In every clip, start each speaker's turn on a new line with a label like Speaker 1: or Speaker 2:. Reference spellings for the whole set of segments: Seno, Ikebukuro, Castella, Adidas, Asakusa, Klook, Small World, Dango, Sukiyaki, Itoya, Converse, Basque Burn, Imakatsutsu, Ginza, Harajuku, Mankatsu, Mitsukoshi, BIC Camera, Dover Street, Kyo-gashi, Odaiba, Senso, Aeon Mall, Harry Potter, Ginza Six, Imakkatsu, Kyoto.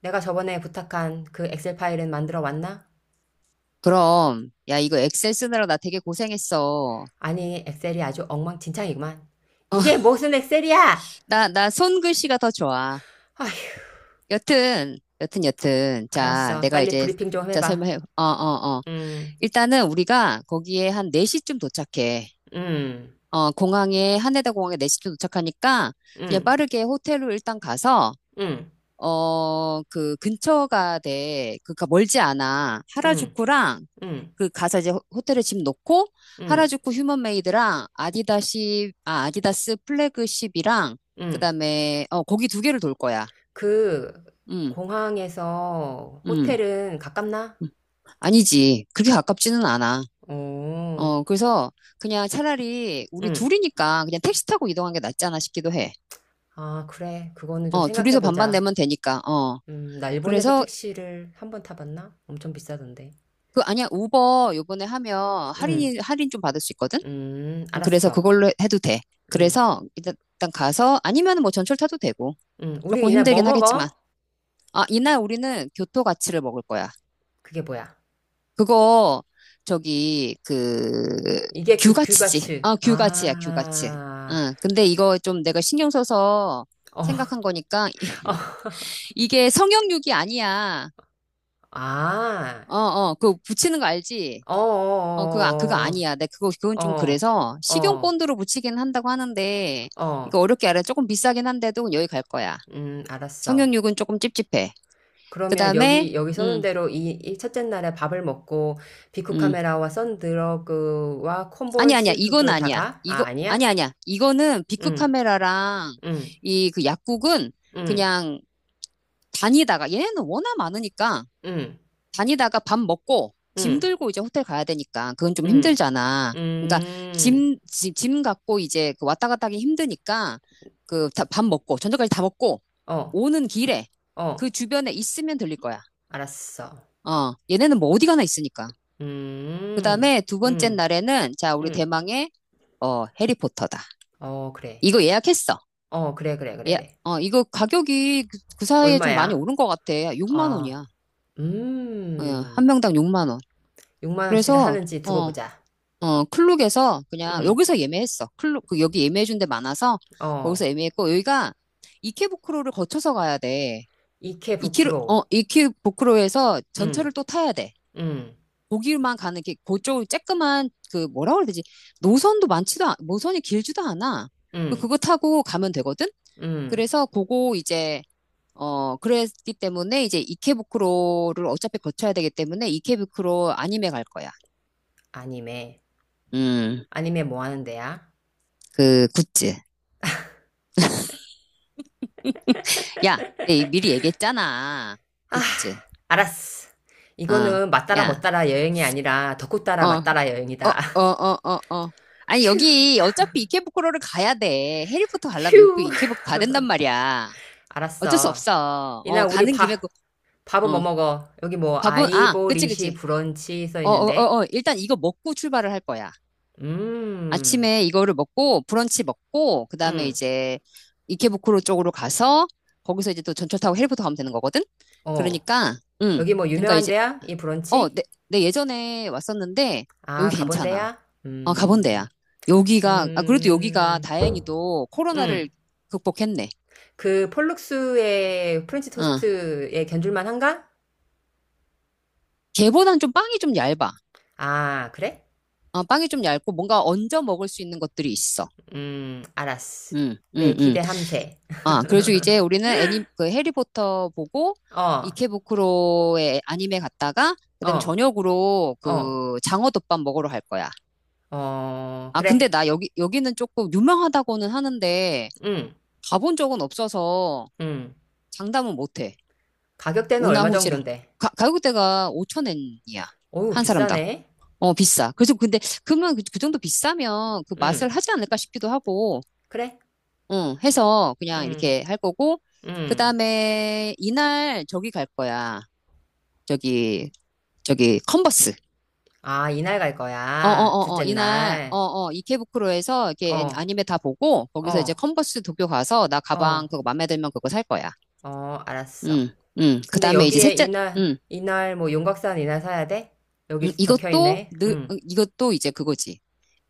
Speaker 1: 내가 저번에 부탁한 그 엑셀 파일은 만들어 왔나?
Speaker 2: 그럼, 야, 이거 엑셀 쓰느라 나 되게 고생했어.
Speaker 1: 아니, 엑셀이 아주 엉망진창이구만. 이게 무슨 엑셀이야!
Speaker 2: 나 손글씨가 더 좋아.
Speaker 1: 아휴,
Speaker 2: 여튼. 자,
Speaker 1: 알았어.
Speaker 2: 내가
Speaker 1: 빨리
Speaker 2: 이제,
Speaker 1: 브리핑 좀
Speaker 2: 자,
Speaker 1: 해봐.
Speaker 2: 설명해. 어.
Speaker 1: 음,
Speaker 2: 일단은 우리가 거기에 한 4시쯤 도착해.
Speaker 1: 음,
Speaker 2: 하네다 공항에 4시쯤 도착하니까 그냥
Speaker 1: 음,
Speaker 2: 빠르게 호텔로 일단 가서
Speaker 1: 음,
Speaker 2: 그 근처가 돼. 그니까 멀지 않아.
Speaker 1: 음,
Speaker 2: 하라주쿠랑
Speaker 1: 음,
Speaker 2: 그 가서 이제 호텔에 집 놓고
Speaker 1: 음,
Speaker 2: 하라주쿠 휴먼메이드랑 아디다시 아 아디다스 플래그십이랑
Speaker 1: 음.
Speaker 2: 그다음에 거기 두 개를 돌 거야.
Speaker 1: 그,
Speaker 2: 음.
Speaker 1: 공항에서
Speaker 2: 음.
Speaker 1: 호텔은 가깝나?
Speaker 2: 음. 아니지. 그렇게 가깝지는 않아.
Speaker 1: 오,
Speaker 2: 그래서 그냥 차라리 우리
Speaker 1: 음.
Speaker 2: 둘이니까 그냥 택시 타고 이동한 게 낫지 않아 싶기도 해.
Speaker 1: 아, 그래. 그거는 좀
Speaker 2: 둘이서 반반
Speaker 1: 생각해보자.
Speaker 2: 내면 되니까. 어.
Speaker 1: 나 일본에서
Speaker 2: 그래서
Speaker 1: 택시를 한번 타봤나? 엄청 비싸던데.
Speaker 2: 아니야. 우버 요번에 하면
Speaker 1: 음.
Speaker 2: 할인 좀 받을 수 있거든. 그래서
Speaker 1: 알았어.
Speaker 2: 그걸로 해도 돼.
Speaker 1: 음,
Speaker 2: 그래서 일단 가서 아니면 뭐 전철 타도 되고
Speaker 1: 우리
Speaker 2: 조금
Speaker 1: 이날 뭐
Speaker 2: 힘들긴 하겠지만
Speaker 1: 먹어?
Speaker 2: 이날 우리는 교토 가치를 먹을 거야.
Speaker 1: 그게 뭐야?
Speaker 2: 그거 저기 그
Speaker 1: 이게 그
Speaker 2: 규가치지.
Speaker 1: 규가츠.
Speaker 2: 규가치야 규가치.
Speaker 1: 아,
Speaker 2: 응. 근데 이거 좀 내가 신경 써서
Speaker 1: 어, 어,
Speaker 2: 생각한 거니까 이게 성형육이 아니야.
Speaker 1: 아,
Speaker 2: 그거 붙이는 거 알지?
Speaker 1: 어,
Speaker 2: 그거
Speaker 1: 어,
Speaker 2: 아니야. 내 그거 그건
Speaker 1: 어,
Speaker 2: 좀
Speaker 1: 어,
Speaker 2: 그래서 식용
Speaker 1: 어,
Speaker 2: 본드로 붙이긴 한다고 하는데
Speaker 1: 어,
Speaker 2: 이거
Speaker 1: 어.
Speaker 2: 어렵게 알아. 조금 비싸긴 한데도 여기 갈 거야.
Speaker 1: 알았어.
Speaker 2: 성형육은 조금 찝찝해. 그
Speaker 1: 그러면
Speaker 2: 다음에,
Speaker 1: 여기, 여기 써놓은
Speaker 2: 음,
Speaker 1: 대로 이, 이 첫째 날에 밥을 먹고, 비쿠
Speaker 2: 음.
Speaker 1: 카메라와 선드러그와
Speaker 2: 아니, 아니야.
Speaker 1: 콤보이스
Speaker 2: 이건
Speaker 1: 도쿄를 다
Speaker 2: 아니야.
Speaker 1: 가? 아,
Speaker 2: 이거,
Speaker 1: 아니야?
Speaker 2: 아니, 아니야. 이거는 비크
Speaker 1: 응,
Speaker 2: 카메라랑
Speaker 1: 응,
Speaker 2: 이 그 약국은
Speaker 1: 응,
Speaker 2: 그냥 다니다가, 얘네는 워낙 많으니까
Speaker 1: 응,
Speaker 2: 다니다가 밥 먹고 짐
Speaker 1: 응,
Speaker 2: 들고 이제 호텔 가야 되니까 그건 좀
Speaker 1: 응,
Speaker 2: 힘들잖아. 그러니까
Speaker 1: 응,
Speaker 2: 짐 갖고 이제 그 왔다 갔다 하기 힘드니까 그 밥 먹고, 저녁까지 다 먹고
Speaker 1: 어,
Speaker 2: 오는 길에 그
Speaker 1: 어,
Speaker 2: 주변에 있으면 들릴 거야.
Speaker 1: 알았어.
Speaker 2: 어, 얘네는 뭐 어디 가나 있으니까. 그
Speaker 1: 음,
Speaker 2: 다음에 두 번째
Speaker 1: 음,
Speaker 2: 날에는, 자, 우리
Speaker 1: 음.
Speaker 2: 대망의, 해리포터다.
Speaker 1: 어, 그래.
Speaker 2: 이거 예약했어.
Speaker 1: 어, 그래, 그래, 그래,
Speaker 2: 예,
Speaker 1: 그래.
Speaker 2: 이거 가격이 그 사이에 좀 많이
Speaker 1: 얼마야?
Speaker 2: 오른 것 같아. 6만
Speaker 1: 아,
Speaker 2: 원이야. 어,
Speaker 1: 음.
Speaker 2: 한 명당 6만 원.
Speaker 1: 6만 원치를
Speaker 2: 그래서,
Speaker 1: 하는지 두고
Speaker 2: 어,
Speaker 1: 보자.
Speaker 2: 클룩에서 그냥,
Speaker 1: 음,
Speaker 2: 여기서 예매했어. 클룩, 그 여기 예매해준 데 많아서,
Speaker 1: 어.
Speaker 2: 거기서 예매했고, 여기가 이케부쿠로를 거쳐서 가야 돼. 이케,
Speaker 1: 이케부쿠로.
Speaker 2: 어, 이케부쿠로에서
Speaker 1: 음,
Speaker 2: 전철을 또 타야 돼.
Speaker 1: 음,
Speaker 2: 거기만 가는 게 그쪽 쬐끄만 그 뭐라 그래야 되지? 노선이 길지도 않아. 그
Speaker 1: 음,
Speaker 2: 그거 타고 가면 되거든.
Speaker 1: 음.
Speaker 2: 그래서 그거 이제 그랬기 때문에 이제 이케부쿠로를 어차피 거쳐야 되기 때문에 이케부쿠로 아니메 갈 거야.
Speaker 1: 아니메.
Speaker 2: 음,
Speaker 1: 아니메 뭐 하는 데야?
Speaker 2: 그 굿즈. 야, 내 미리 얘기했잖아. 굿즈.
Speaker 1: 알았어.
Speaker 2: 어,
Speaker 1: 이거는 맞따라
Speaker 2: 야,
Speaker 1: 못따라 여행이 아니라 덕후
Speaker 2: 어,
Speaker 1: 따라
Speaker 2: 어,
Speaker 1: 맞따라 여행이다.
Speaker 2: 어, 어, 어, 어. 아니,
Speaker 1: 휴,
Speaker 2: 여기 어차피 이케부쿠로를 가야 돼. 해리포터
Speaker 1: 휴.
Speaker 2: 가려면 여기 이케부쿠 가야 된단 말이야. 어쩔 수
Speaker 1: 알았어.
Speaker 2: 없어.
Speaker 1: 이날 우리
Speaker 2: 가는 김에 그,
Speaker 1: 밥, 밥은 뭐
Speaker 2: 어,
Speaker 1: 먹어? 여기 뭐
Speaker 2: 밥은, 아, 그치,
Speaker 1: 아이보리시
Speaker 2: 그치.
Speaker 1: 브런치 써 있는데.
Speaker 2: 일단 이거 먹고 출발을 할 거야.
Speaker 1: 음,
Speaker 2: 아침에 이거를 먹고, 브런치 먹고, 그 다음에
Speaker 1: 음,
Speaker 2: 이제 이케부쿠로 쪽으로 가서, 거기서 이제 또 전철 타고 헬리포터 가면 되는 거거든?
Speaker 1: 어.
Speaker 2: 그러니까, 응.
Speaker 1: 여기 뭐
Speaker 2: 그러니까
Speaker 1: 유명한
Speaker 2: 이제,
Speaker 1: 데야? 이
Speaker 2: 어,
Speaker 1: 브런치?
Speaker 2: 내, 내 예전에 왔었는데,
Speaker 1: 아,
Speaker 2: 여기
Speaker 1: 가본
Speaker 2: 괜찮아.
Speaker 1: 데야?
Speaker 2: 가본 데야. 여기가, 아, 그래도 여기가
Speaker 1: 음,
Speaker 2: 다행히도 코로나를
Speaker 1: 음.
Speaker 2: 극복했네.
Speaker 1: 그 폴룩스의 프렌치
Speaker 2: 어.
Speaker 1: 토스트에 견줄만 한가?
Speaker 2: 걔보단 좀 빵이 좀 얇아.
Speaker 1: 아, 그래?
Speaker 2: 빵이 좀 얇고 뭔가 얹어 먹을 수 있는 것들이 있어.
Speaker 1: 알았어.
Speaker 2: 음, 음,
Speaker 1: 네,
Speaker 2: 음.
Speaker 1: 기대함세.
Speaker 2: 아, 그래가지고 이제 우리는 그 해리포터 보고
Speaker 1: 어,
Speaker 2: 이케부쿠로의 아님에 갔다가 그다음에
Speaker 1: 어,
Speaker 2: 저녁으로
Speaker 1: 어,
Speaker 2: 그 장어덮밥 먹으러 갈 거야.
Speaker 1: 어,
Speaker 2: 아, 근데
Speaker 1: 그래.
Speaker 2: 나 여기는 조금 유명하다고는 하는데
Speaker 1: 응,
Speaker 2: 가본 적은 없어서
Speaker 1: 응.
Speaker 2: 장담은 못 해.
Speaker 1: 가격대는 얼마
Speaker 2: 우나후지라
Speaker 1: 정도인데?
Speaker 2: 가격대가 5천엔이야.
Speaker 1: 어우,
Speaker 2: 한 사람당.
Speaker 1: 비싸네.
Speaker 2: 비싸. 그래서 근데 그러면 그 정도 비싸면 그 맛을
Speaker 1: 응,
Speaker 2: 하지 않을까 싶기도 하고
Speaker 1: 그래.
Speaker 2: 응, 해서 그냥
Speaker 1: 응,
Speaker 2: 이렇게 할 거고, 그
Speaker 1: 응.
Speaker 2: 다음에 이날 저기 갈 거야. 저기, 컨버스.
Speaker 1: 아, 이날 갈 거야. 둘째
Speaker 2: 이날,
Speaker 1: 날.
Speaker 2: 이케부쿠로에서 이렇게
Speaker 1: 어,
Speaker 2: 아니메 다 보고, 거기서 이제
Speaker 1: 어,
Speaker 2: 컨버스 도쿄 가서 나
Speaker 1: 어,
Speaker 2: 가방 그거 맘에 들면 그거 살 거야.
Speaker 1: 어, 알았어.
Speaker 2: 응, 응. 그
Speaker 1: 근데
Speaker 2: 다음에 이제
Speaker 1: 여기에
Speaker 2: 셋째,
Speaker 1: 이날,
Speaker 2: 응,
Speaker 1: 이날, 뭐, 용각산 이날 사야 돼?
Speaker 2: 응,
Speaker 1: 여기 적혀
Speaker 2: 이것도
Speaker 1: 있네.
Speaker 2: 늘,
Speaker 1: 응,
Speaker 2: 응, 이것도 이제 그거지.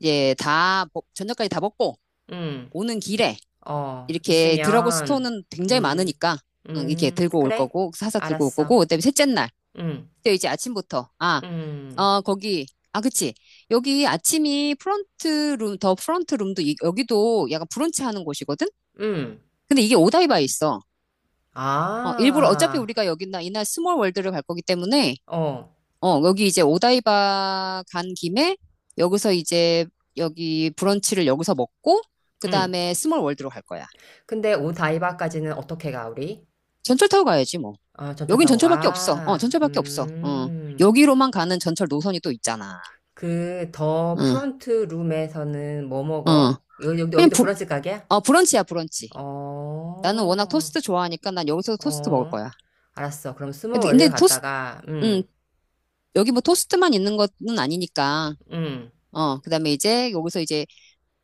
Speaker 2: 이제 다, 저녁까지 다 먹고,
Speaker 1: 응,
Speaker 2: 오는 길에
Speaker 1: 어,
Speaker 2: 이렇게 드라고 스토은
Speaker 1: 있으면,
Speaker 2: 는 굉장히
Speaker 1: 음,
Speaker 2: 많으니까, 응, 이렇게 들고 올
Speaker 1: 그래.
Speaker 2: 거고, 사서 들고 올 거고,
Speaker 1: 알았어.
Speaker 2: 그다음에 셋째 날.
Speaker 1: 응,
Speaker 2: 그때 이제 아침부터. 아,
Speaker 1: 응,
Speaker 2: 거기. 아, 그치. 여기 아침이 더 프런트 룸도 여기도 약간 브런치 하는 곳이거든?
Speaker 1: 응.
Speaker 2: 근데 이게 오다이바에 있어. 일부러 어차피
Speaker 1: 아,
Speaker 2: 우리가 여기나 이날 스몰 월드를 갈 거기 때문에
Speaker 1: 어,
Speaker 2: 여기 이제 오다이바 간 김에 여기서 이제 여기 브런치를 여기서 먹고
Speaker 1: 응.
Speaker 2: 그다음에 스몰 월드로 갈 거야.
Speaker 1: 근데 오다이바까지는 어떻게 가, 우리?
Speaker 2: 전철 타고 가야지 뭐.
Speaker 1: 아, 전철
Speaker 2: 여긴
Speaker 1: 타고
Speaker 2: 전철밖에 없어.
Speaker 1: 가.
Speaker 2: 전철밖에 없어. 어.
Speaker 1: 음.
Speaker 2: 여기로만 가는 전철 노선이 또 있잖아.
Speaker 1: 그 더
Speaker 2: 응,
Speaker 1: 프론트 룸에서는 뭐
Speaker 2: 응.
Speaker 1: 먹어? 여기, 여기-
Speaker 2: 그냥
Speaker 1: 여기도 브런치 가게야?
Speaker 2: 브런치야, 브런치. 나는 워낙
Speaker 1: 어.
Speaker 2: 토스트 좋아하니까 난 여기서도 토스트 먹을
Speaker 1: 어.
Speaker 2: 거야.
Speaker 1: 알았어. 그럼 스몰
Speaker 2: 근데
Speaker 1: 월드
Speaker 2: 토스트,
Speaker 1: 갔다가
Speaker 2: 음, 여기 뭐 토스트만 있는 것은 아니니까.
Speaker 1: 음.
Speaker 2: 그 다음에 이제 여기서 이제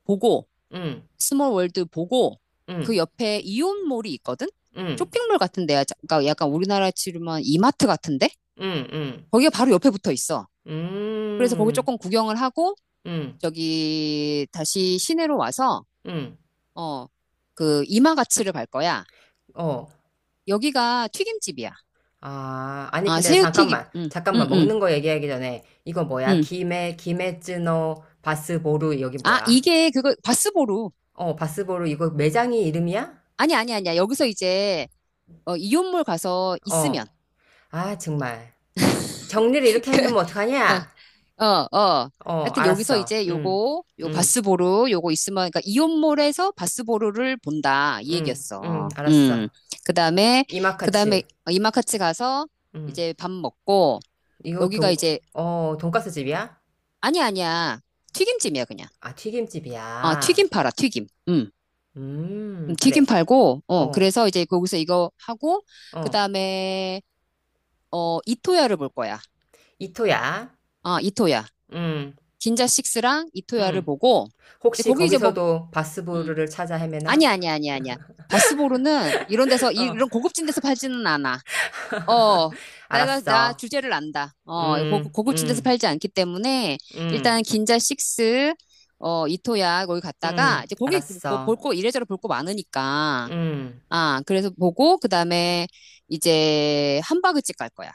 Speaker 2: 보고,
Speaker 1: 음.
Speaker 2: 스몰 월드 보고, 그
Speaker 1: 음.
Speaker 2: 옆에 이온몰이 있거든?
Speaker 1: 음.
Speaker 2: 쇼핑몰 같은 데야. 그러니까 약간 우리나라 치르면 이마트 같은데?
Speaker 1: 음.
Speaker 2: 거기가 바로 옆에 붙어 있어. 그래서 거기
Speaker 1: 음. 음.
Speaker 2: 조금 구경을 하고,
Speaker 1: 음.
Speaker 2: 저기 다시 시내로 와서,
Speaker 1: 음.
Speaker 2: 어, 그 이마가츠를 갈 거야.
Speaker 1: 어.
Speaker 2: 여기가 튀김집이야.
Speaker 1: 아, 아니,
Speaker 2: 아,
Speaker 1: 근데
Speaker 2: 새우튀김.
Speaker 1: 잠깐만.
Speaker 2: 응, 응,
Speaker 1: 잠깐만.
Speaker 2: 응.
Speaker 1: 먹는 거 얘기하기 전에, 이거 뭐야?
Speaker 2: 응.
Speaker 1: 김에, 김에쯔노 바스보루, 여기
Speaker 2: 아,
Speaker 1: 뭐야?
Speaker 2: 이게 그거 바스보루.
Speaker 1: 어, 바스보루, 이거 매장이 이름이야?
Speaker 2: 아니, 아니, 아니야. 여기서 이제 이온몰 가서 있으면
Speaker 1: 어. 아, 정말. 정리를 이렇게 해놓으면
Speaker 2: 그,
Speaker 1: 어떡하냐?
Speaker 2: 어, 어, 어.
Speaker 1: 어,
Speaker 2: 하여튼 여기서
Speaker 1: 알았어.
Speaker 2: 이제
Speaker 1: 응,
Speaker 2: 요거 요
Speaker 1: 응,
Speaker 2: 바스보루 요거 있으면 그러니까 이온몰에서 바스보루를 본다 이
Speaker 1: 응, 응,
Speaker 2: 얘기였어. 음.
Speaker 1: 알았어.
Speaker 2: 그다음에 그다음에
Speaker 1: 이마카츠.
Speaker 2: 이마카츠 가서
Speaker 1: 응.
Speaker 2: 이제 밥 먹고
Speaker 1: 이거
Speaker 2: 여기가
Speaker 1: 동,
Speaker 2: 이제
Speaker 1: 어, 돈가스 집이야?
Speaker 2: 아니 야 아니야. 튀김집이야 그냥.
Speaker 1: 아,
Speaker 2: 튀김
Speaker 1: 튀김집이야.
Speaker 2: 팔아. 튀김. 음. 튀김
Speaker 1: 그래.
Speaker 2: 팔고
Speaker 1: 어,
Speaker 2: 그래서 이제 거기서 이거 하고
Speaker 1: 어.
Speaker 2: 그다음에 이토야를 볼 거야.
Speaker 1: 이토야.
Speaker 2: 이토야.
Speaker 1: 응,
Speaker 2: 긴자 식스랑 이토야를
Speaker 1: 응.
Speaker 2: 보고, 근데
Speaker 1: 혹시
Speaker 2: 거기 이제 뭐,
Speaker 1: 거기서도
Speaker 2: 음,
Speaker 1: 바스부르를 찾아
Speaker 2: 아니야,
Speaker 1: 헤매나?
Speaker 2: 아니야, 아니야, 아니야. 바스보르는 이런 데서,
Speaker 1: 어,
Speaker 2: 이런 고급진 데서 팔지는 않아. 어, 나
Speaker 1: 알았어.
Speaker 2: 주제를 안다.
Speaker 1: 음,
Speaker 2: 고급진 데서
Speaker 1: 음,
Speaker 2: 팔지 않기 때문에,
Speaker 1: 음,
Speaker 2: 일단 긴자 식스, 이토야, 거기 갔다가, 이제 거기 뭐
Speaker 1: 알았어.
Speaker 2: 볼거 이래저래 볼 거 많으니까.
Speaker 1: 음,
Speaker 2: 아, 그래서 보고, 그 다음에 이제 함바그집 갈 거야.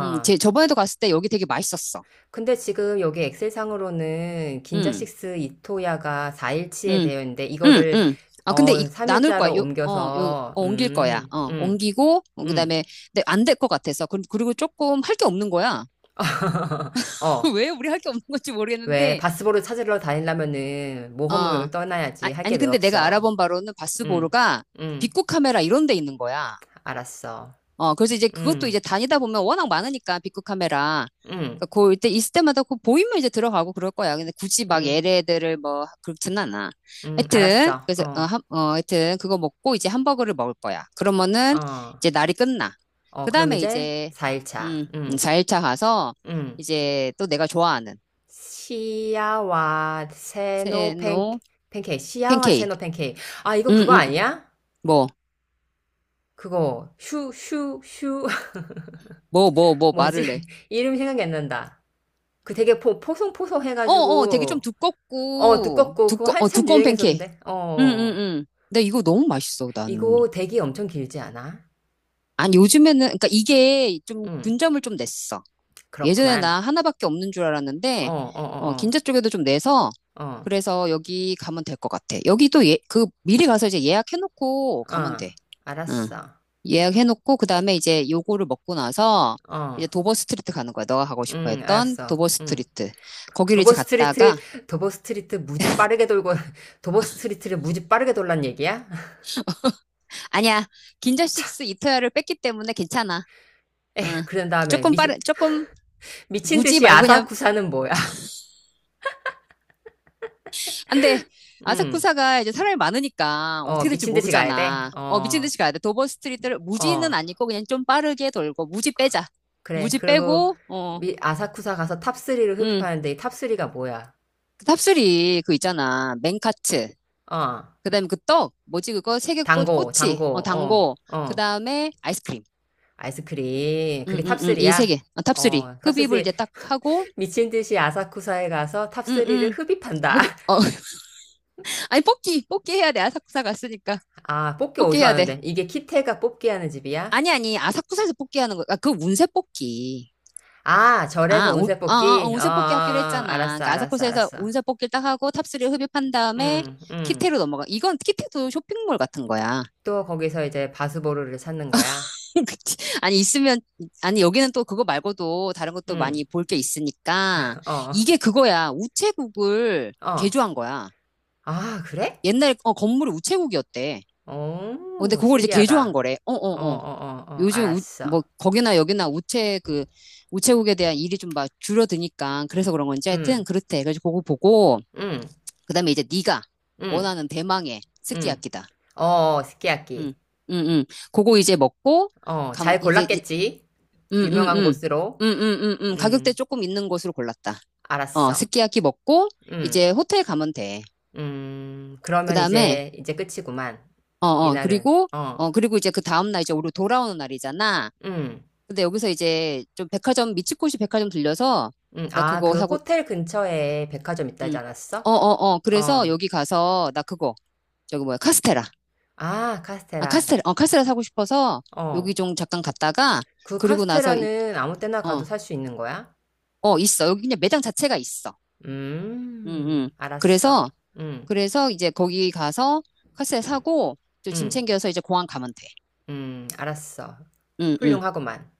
Speaker 2: 저번에도 갔을 때 여기 되게 맛있었어.
Speaker 1: 근데 지금 여기 엑셀상으로는
Speaker 2: 음.
Speaker 1: 긴자식스 이토야가 4일치에
Speaker 2: 응,
Speaker 1: 되어 있는데,
Speaker 2: 응,
Speaker 1: 이거를,
Speaker 2: 응. 아, 근데 이,
Speaker 1: 어,
Speaker 2: 나눌 거야.
Speaker 1: 3일자로 옮겨서,
Speaker 2: 옮길 거야. 옮기고,
Speaker 1: 음.
Speaker 2: 그다음에, 근데 안 될 것 같아서. 그리고 조금 할 게 없는 거야.
Speaker 1: 어,
Speaker 2: 왜 우리 할 게 없는 건지
Speaker 1: 왜,
Speaker 2: 모르겠는데,
Speaker 1: 바스보를 찾으러 다니려면은
Speaker 2: 어.
Speaker 1: 모험을
Speaker 2: 아,
Speaker 1: 떠나야지. 할게
Speaker 2: 아니,
Speaker 1: 왜
Speaker 2: 근데 내가
Speaker 1: 없어.
Speaker 2: 알아본 바로는
Speaker 1: 음,
Speaker 2: 바스보르가 빅
Speaker 1: 음,
Speaker 2: 코 카메라 이런 데 있는 거야.
Speaker 1: 알았어.
Speaker 2: 그래서 이제 그것도 이제
Speaker 1: 음.
Speaker 2: 다니다 보면 워낙 많으니까, 빅급 카메라.
Speaker 1: 응,
Speaker 2: 그러니까 이때, 있을 때마다 그 보이면 이제 들어가고 그럴 거야. 근데 굳이 막
Speaker 1: 응,
Speaker 2: 얘네들을 뭐, 그렇진 않아.
Speaker 1: 응,
Speaker 2: 하여튼,
Speaker 1: 알았어.
Speaker 2: 그래서,
Speaker 1: 어,
Speaker 2: 하여튼, 그거 먹고 이제 햄버거를 먹을 거야. 그러면은,
Speaker 1: 어,
Speaker 2: 이제 날이 끝나.
Speaker 1: 어,
Speaker 2: 그
Speaker 1: 그럼
Speaker 2: 다음에
Speaker 1: 이제
Speaker 2: 이제,
Speaker 1: 4일차. 응,
Speaker 2: 4일차 가서,
Speaker 1: 응.
Speaker 2: 이제 또 내가 좋아하는,
Speaker 1: 시야와 세노 팬,
Speaker 2: 세노
Speaker 1: 팬케이크. 시야와
Speaker 2: 팬케이크.
Speaker 1: 세노 팬케이크. 아, 이거 그거
Speaker 2: 음.
Speaker 1: 아니야?
Speaker 2: 뭐,
Speaker 1: 그거, 슈, 슈, 슈.
Speaker 2: 뭐,
Speaker 1: 뭐지?
Speaker 2: 말을 해.
Speaker 1: 이름 생각이 안 난다. 그 되게 포, 포송포송
Speaker 2: 되게 좀
Speaker 1: 해가지고, 어,
Speaker 2: 두껍고,
Speaker 1: 두껍고, 그거 한참
Speaker 2: 두꺼운 팬케이크.
Speaker 1: 유행했었는데. 어,
Speaker 2: 응응응. 근데 이거 너무 맛있어, 나는.
Speaker 1: 이거 대기 엄청 길지 않아?
Speaker 2: 아니, 요즘에는, 그러니까 이게 좀
Speaker 1: 응,
Speaker 2: 분점을 좀 냈어. 예전에
Speaker 1: 그렇구만.
Speaker 2: 나 하나밖에 없는 줄
Speaker 1: 어,
Speaker 2: 알았는데,
Speaker 1: 어, 어,
Speaker 2: 긴자 쪽에도 좀 내서,
Speaker 1: 어, 어,
Speaker 2: 그래서 여기 가면 될 것 같아. 여기도 예, 미리 가서 이제 예약해놓고 가면
Speaker 1: 어,
Speaker 2: 돼. 응.
Speaker 1: 알았어.
Speaker 2: 예약해놓고, 그 다음에 이제 요거를 먹고 나서,
Speaker 1: 어,
Speaker 2: 이제 도버 스트리트 가는 거야. 너가 가고 싶어
Speaker 1: 응,
Speaker 2: 했던
Speaker 1: 알았어.
Speaker 2: 도버
Speaker 1: 응.
Speaker 2: 스트리트. 거기를
Speaker 1: 도버
Speaker 2: 이제 갔다가,
Speaker 1: 스트리트, 도버 스트리트 무지 빠르게 돌고, 도버 스트리트를 무지 빠르게 돌란 얘기야?
Speaker 2: 아니야. 긴자
Speaker 1: 참,
Speaker 2: 식스 이토야를 뺐기 때문에 괜찮아. 응.
Speaker 1: 그런 다음에
Speaker 2: 조금
Speaker 1: 미,
Speaker 2: 빠른, 조금
Speaker 1: 미친
Speaker 2: 무지
Speaker 1: 듯이
Speaker 2: 말고 그냥
Speaker 1: 아사쿠사는 뭐야?
Speaker 2: 안 돼.
Speaker 1: 응,
Speaker 2: 아사쿠사가 이제 사람이 많으니까
Speaker 1: 어,
Speaker 2: 어떻게 될지
Speaker 1: 미친 듯이 가야 돼?
Speaker 2: 모르잖아. 미친
Speaker 1: 어,
Speaker 2: 듯이 가야 돼. 도버 스트리트를 무지는
Speaker 1: 어,
Speaker 2: 아니고 그냥 좀 빠르게 돌고 무지 빼자.
Speaker 1: 그래.
Speaker 2: 무지
Speaker 1: 그리고
Speaker 2: 빼고
Speaker 1: 미, 아사쿠사 가서 탑리를
Speaker 2: 응.
Speaker 1: 흡입하는데 이탑리가 뭐야?
Speaker 2: 그 탑수리 그 있잖아. 맨카츠.
Speaker 1: 어,
Speaker 2: 그다음에 그 떡, 뭐지 그거 세 개
Speaker 1: 당고,
Speaker 2: 꼬치,
Speaker 1: 당고, 어,
Speaker 2: 당고.
Speaker 1: 어,
Speaker 2: 그다음에 아이스크림.
Speaker 1: 아이스크림.
Speaker 2: 응,
Speaker 1: 그게
Speaker 2: 응, 응. 이 세
Speaker 1: 탑리야.
Speaker 2: 개. 탑수리.
Speaker 1: 어,
Speaker 2: 흡입을 이제
Speaker 1: 탑리.
Speaker 2: 딱 하고
Speaker 1: 미친 듯이 아사쿠사에 가서
Speaker 2: 응,
Speaker 1: 탑리를
Speaker 2: 응.
Speaker 1: 흡입한다.
Speaker 2: 흡입. 아니 뽑기. 뽑기 해야 돼. 아사쿠사 갔으니까.
Speaker 1: 아, 뽑기
Speaker 2: 뽑기
Speaker 1: 어디서
Speaker 2: 해야 돼.
Speaker 1: 하는데? 이게 키테가 뽑기 하는 집이야?
Speaker 2: 아니, 아니, 아사쿠사에서 뽑기 하는 거, 아, 그 운세 뽑기.
Speaker 1: 아, 절에서
Speaker 2: 아, 운,
Speaker 1: 운세
Speaker 2: 어, 어, 어,
Speaker 1: 뽑기? 어, 어,
Speaker 2: 운세 뽑기 하기로
Speaker 1: 어,
Speaker 2: 했잖아.
Speaker 1: 알았어,
Speaker 2: 그러니까
Speaker 1: 알았어,
Speaker 2: 아사쿠사에서
Speaker 1: 알았어.
Speaker 2: 운세 뽑기를 딱 하고 탑3 흡입한 다음에
Speaker 1: 응, 응.
Speaker 2: 키테로 넘어가. 이건 키테도 쇼핑몰 같은 거야.
Speaker 1: 또 거기서 이제 바수보루를 찾는 거야?
Speaker 2: 그치? 아니, 있으면, 아니, 여기는 또 그거 말고도 다른 것도
Speaker 1: 응,
Speaker 2: 많이 볼 게 있으니까.
Speaker 1: 어,
Speaker 2: 이게 그거야. 우체국을
Speaker 1: 어.
Speaker 2: 개조한 거야.
Speaker 1: 아, 그래?
Speaker 2: 옛날, 건물이 우체국이었대. 근데
Speaker 1: 오,
Speaker 2: 그걸 이제 개조한
Speaker 1: 신기하다.
Speaker 2: 거래. 어,
Speaker 1: 어, 어,
Speaker 2: 어, 어.
Speaker 1: 어, 어,
Speaker 2: 요즘 뭐
Speaker 1: 알았어.
Speaker 2: 거기나 여기나 우체국에 대한 일이 좀 막 줄어드니까 그래서 그런 건지
Speaker 1: 응,
Speaker 2: 하여튼 그렇대. 그래서 그거 보고
Speaker 1: 응,
Speaker 2: 그다음에 이제 네가
Speaker 1: 응,
Speaker 2: 원하는 대망의
Speaker 1: 응.
Speaker 2: 스키야키다.
Speaker 1: 어, 어,
Speaker 2: 응,
Speaker 1: 스키야키.
Speaker 2: 응, 응. 그거 이제 먹고
Speaker 1: 어,
Speaker 2: 가면
Speaker 1: 잘
Speaker 2: 이제 이-
Speaker 1: 골랐겠지?
Speaker 2: 응, 응,
Speaker 1: 유명한
Speaker 2: 응,
Speaker 1: 곳으로.
Speaker 2: 응, 응, 응, 응. 가격대
Speaker 1: 응,
Speaker 2: 조금 있는 곳으로 골랐다.
Speaker 1: 알았어.
Speaker 2: 스키야키 먹고
Speaker 1: 응,
Speaker 2: 이제 호텔 가면 돼.
Speaker 1: 그러면
Speaker 2: 그다음에
Speaker 1: 이제, 이제 끝이구만.
Speaker 2: 어, 어,
Speaker 1: 이날은.
Speaker 2: 그리고
Speaker 1: 어.
Speaker 2: 그리고 이제 그 다음 날 이제 우리 돌아오는 날이잖아.
Speaker 1: 음.
Speaker 2: 근데 여기서 이제 좀 백화점 미츠코시 백화점 들려서
Speaker 1: 음.
Speaker 2: 나
Speaker 1: 아,
Speaker 2: 그거
Speaker 1: 그
Speaker 2: 사고
Speaker 1: 호텔 근처에 백화점 있다지
Speaker 2: 음. 어,
Speaker 1: 않았어?
Speaker 2: 어, 어. 그래서
Speaker 1: 어.
Speaker 2: 여기 가서 나 그거 저기 뭐야? 카스테라.
Speaker 1: 아,
Speaker 2: 아,
Speaker 1: 카스테라.
Speaker 2: 카스테라. 카스테라 사고 싶어서 여기
Speaker 1: 어.
Speaker 2: 좀 잠깐 갔다가
Speaker 1: 그
Speaker 2: 그리고 나서
Speaker 1: 카스테라는 아무 때나 가도
Speaker 2: 어.
Speaker 1: 살 수 있는 거야?
Speaker 2: 있어. 여기 그냥 매장 자체가 있어.
Speaker 1: 음.
Speaker 2: 응응
Speaker 1: 알았어.
Speaker 2: 그래서
Speaker 1: 음.
Speaker 2: 이제 거기 가서 카스테라 사고 또 짐
Speaker 1: 음.
Speaker 2: 챙겨서 이제 공항 가면 돼.
Speaker 1: 음. 알았어.
Speaker 2: 응응
Speaker 1: 훌륭하구만.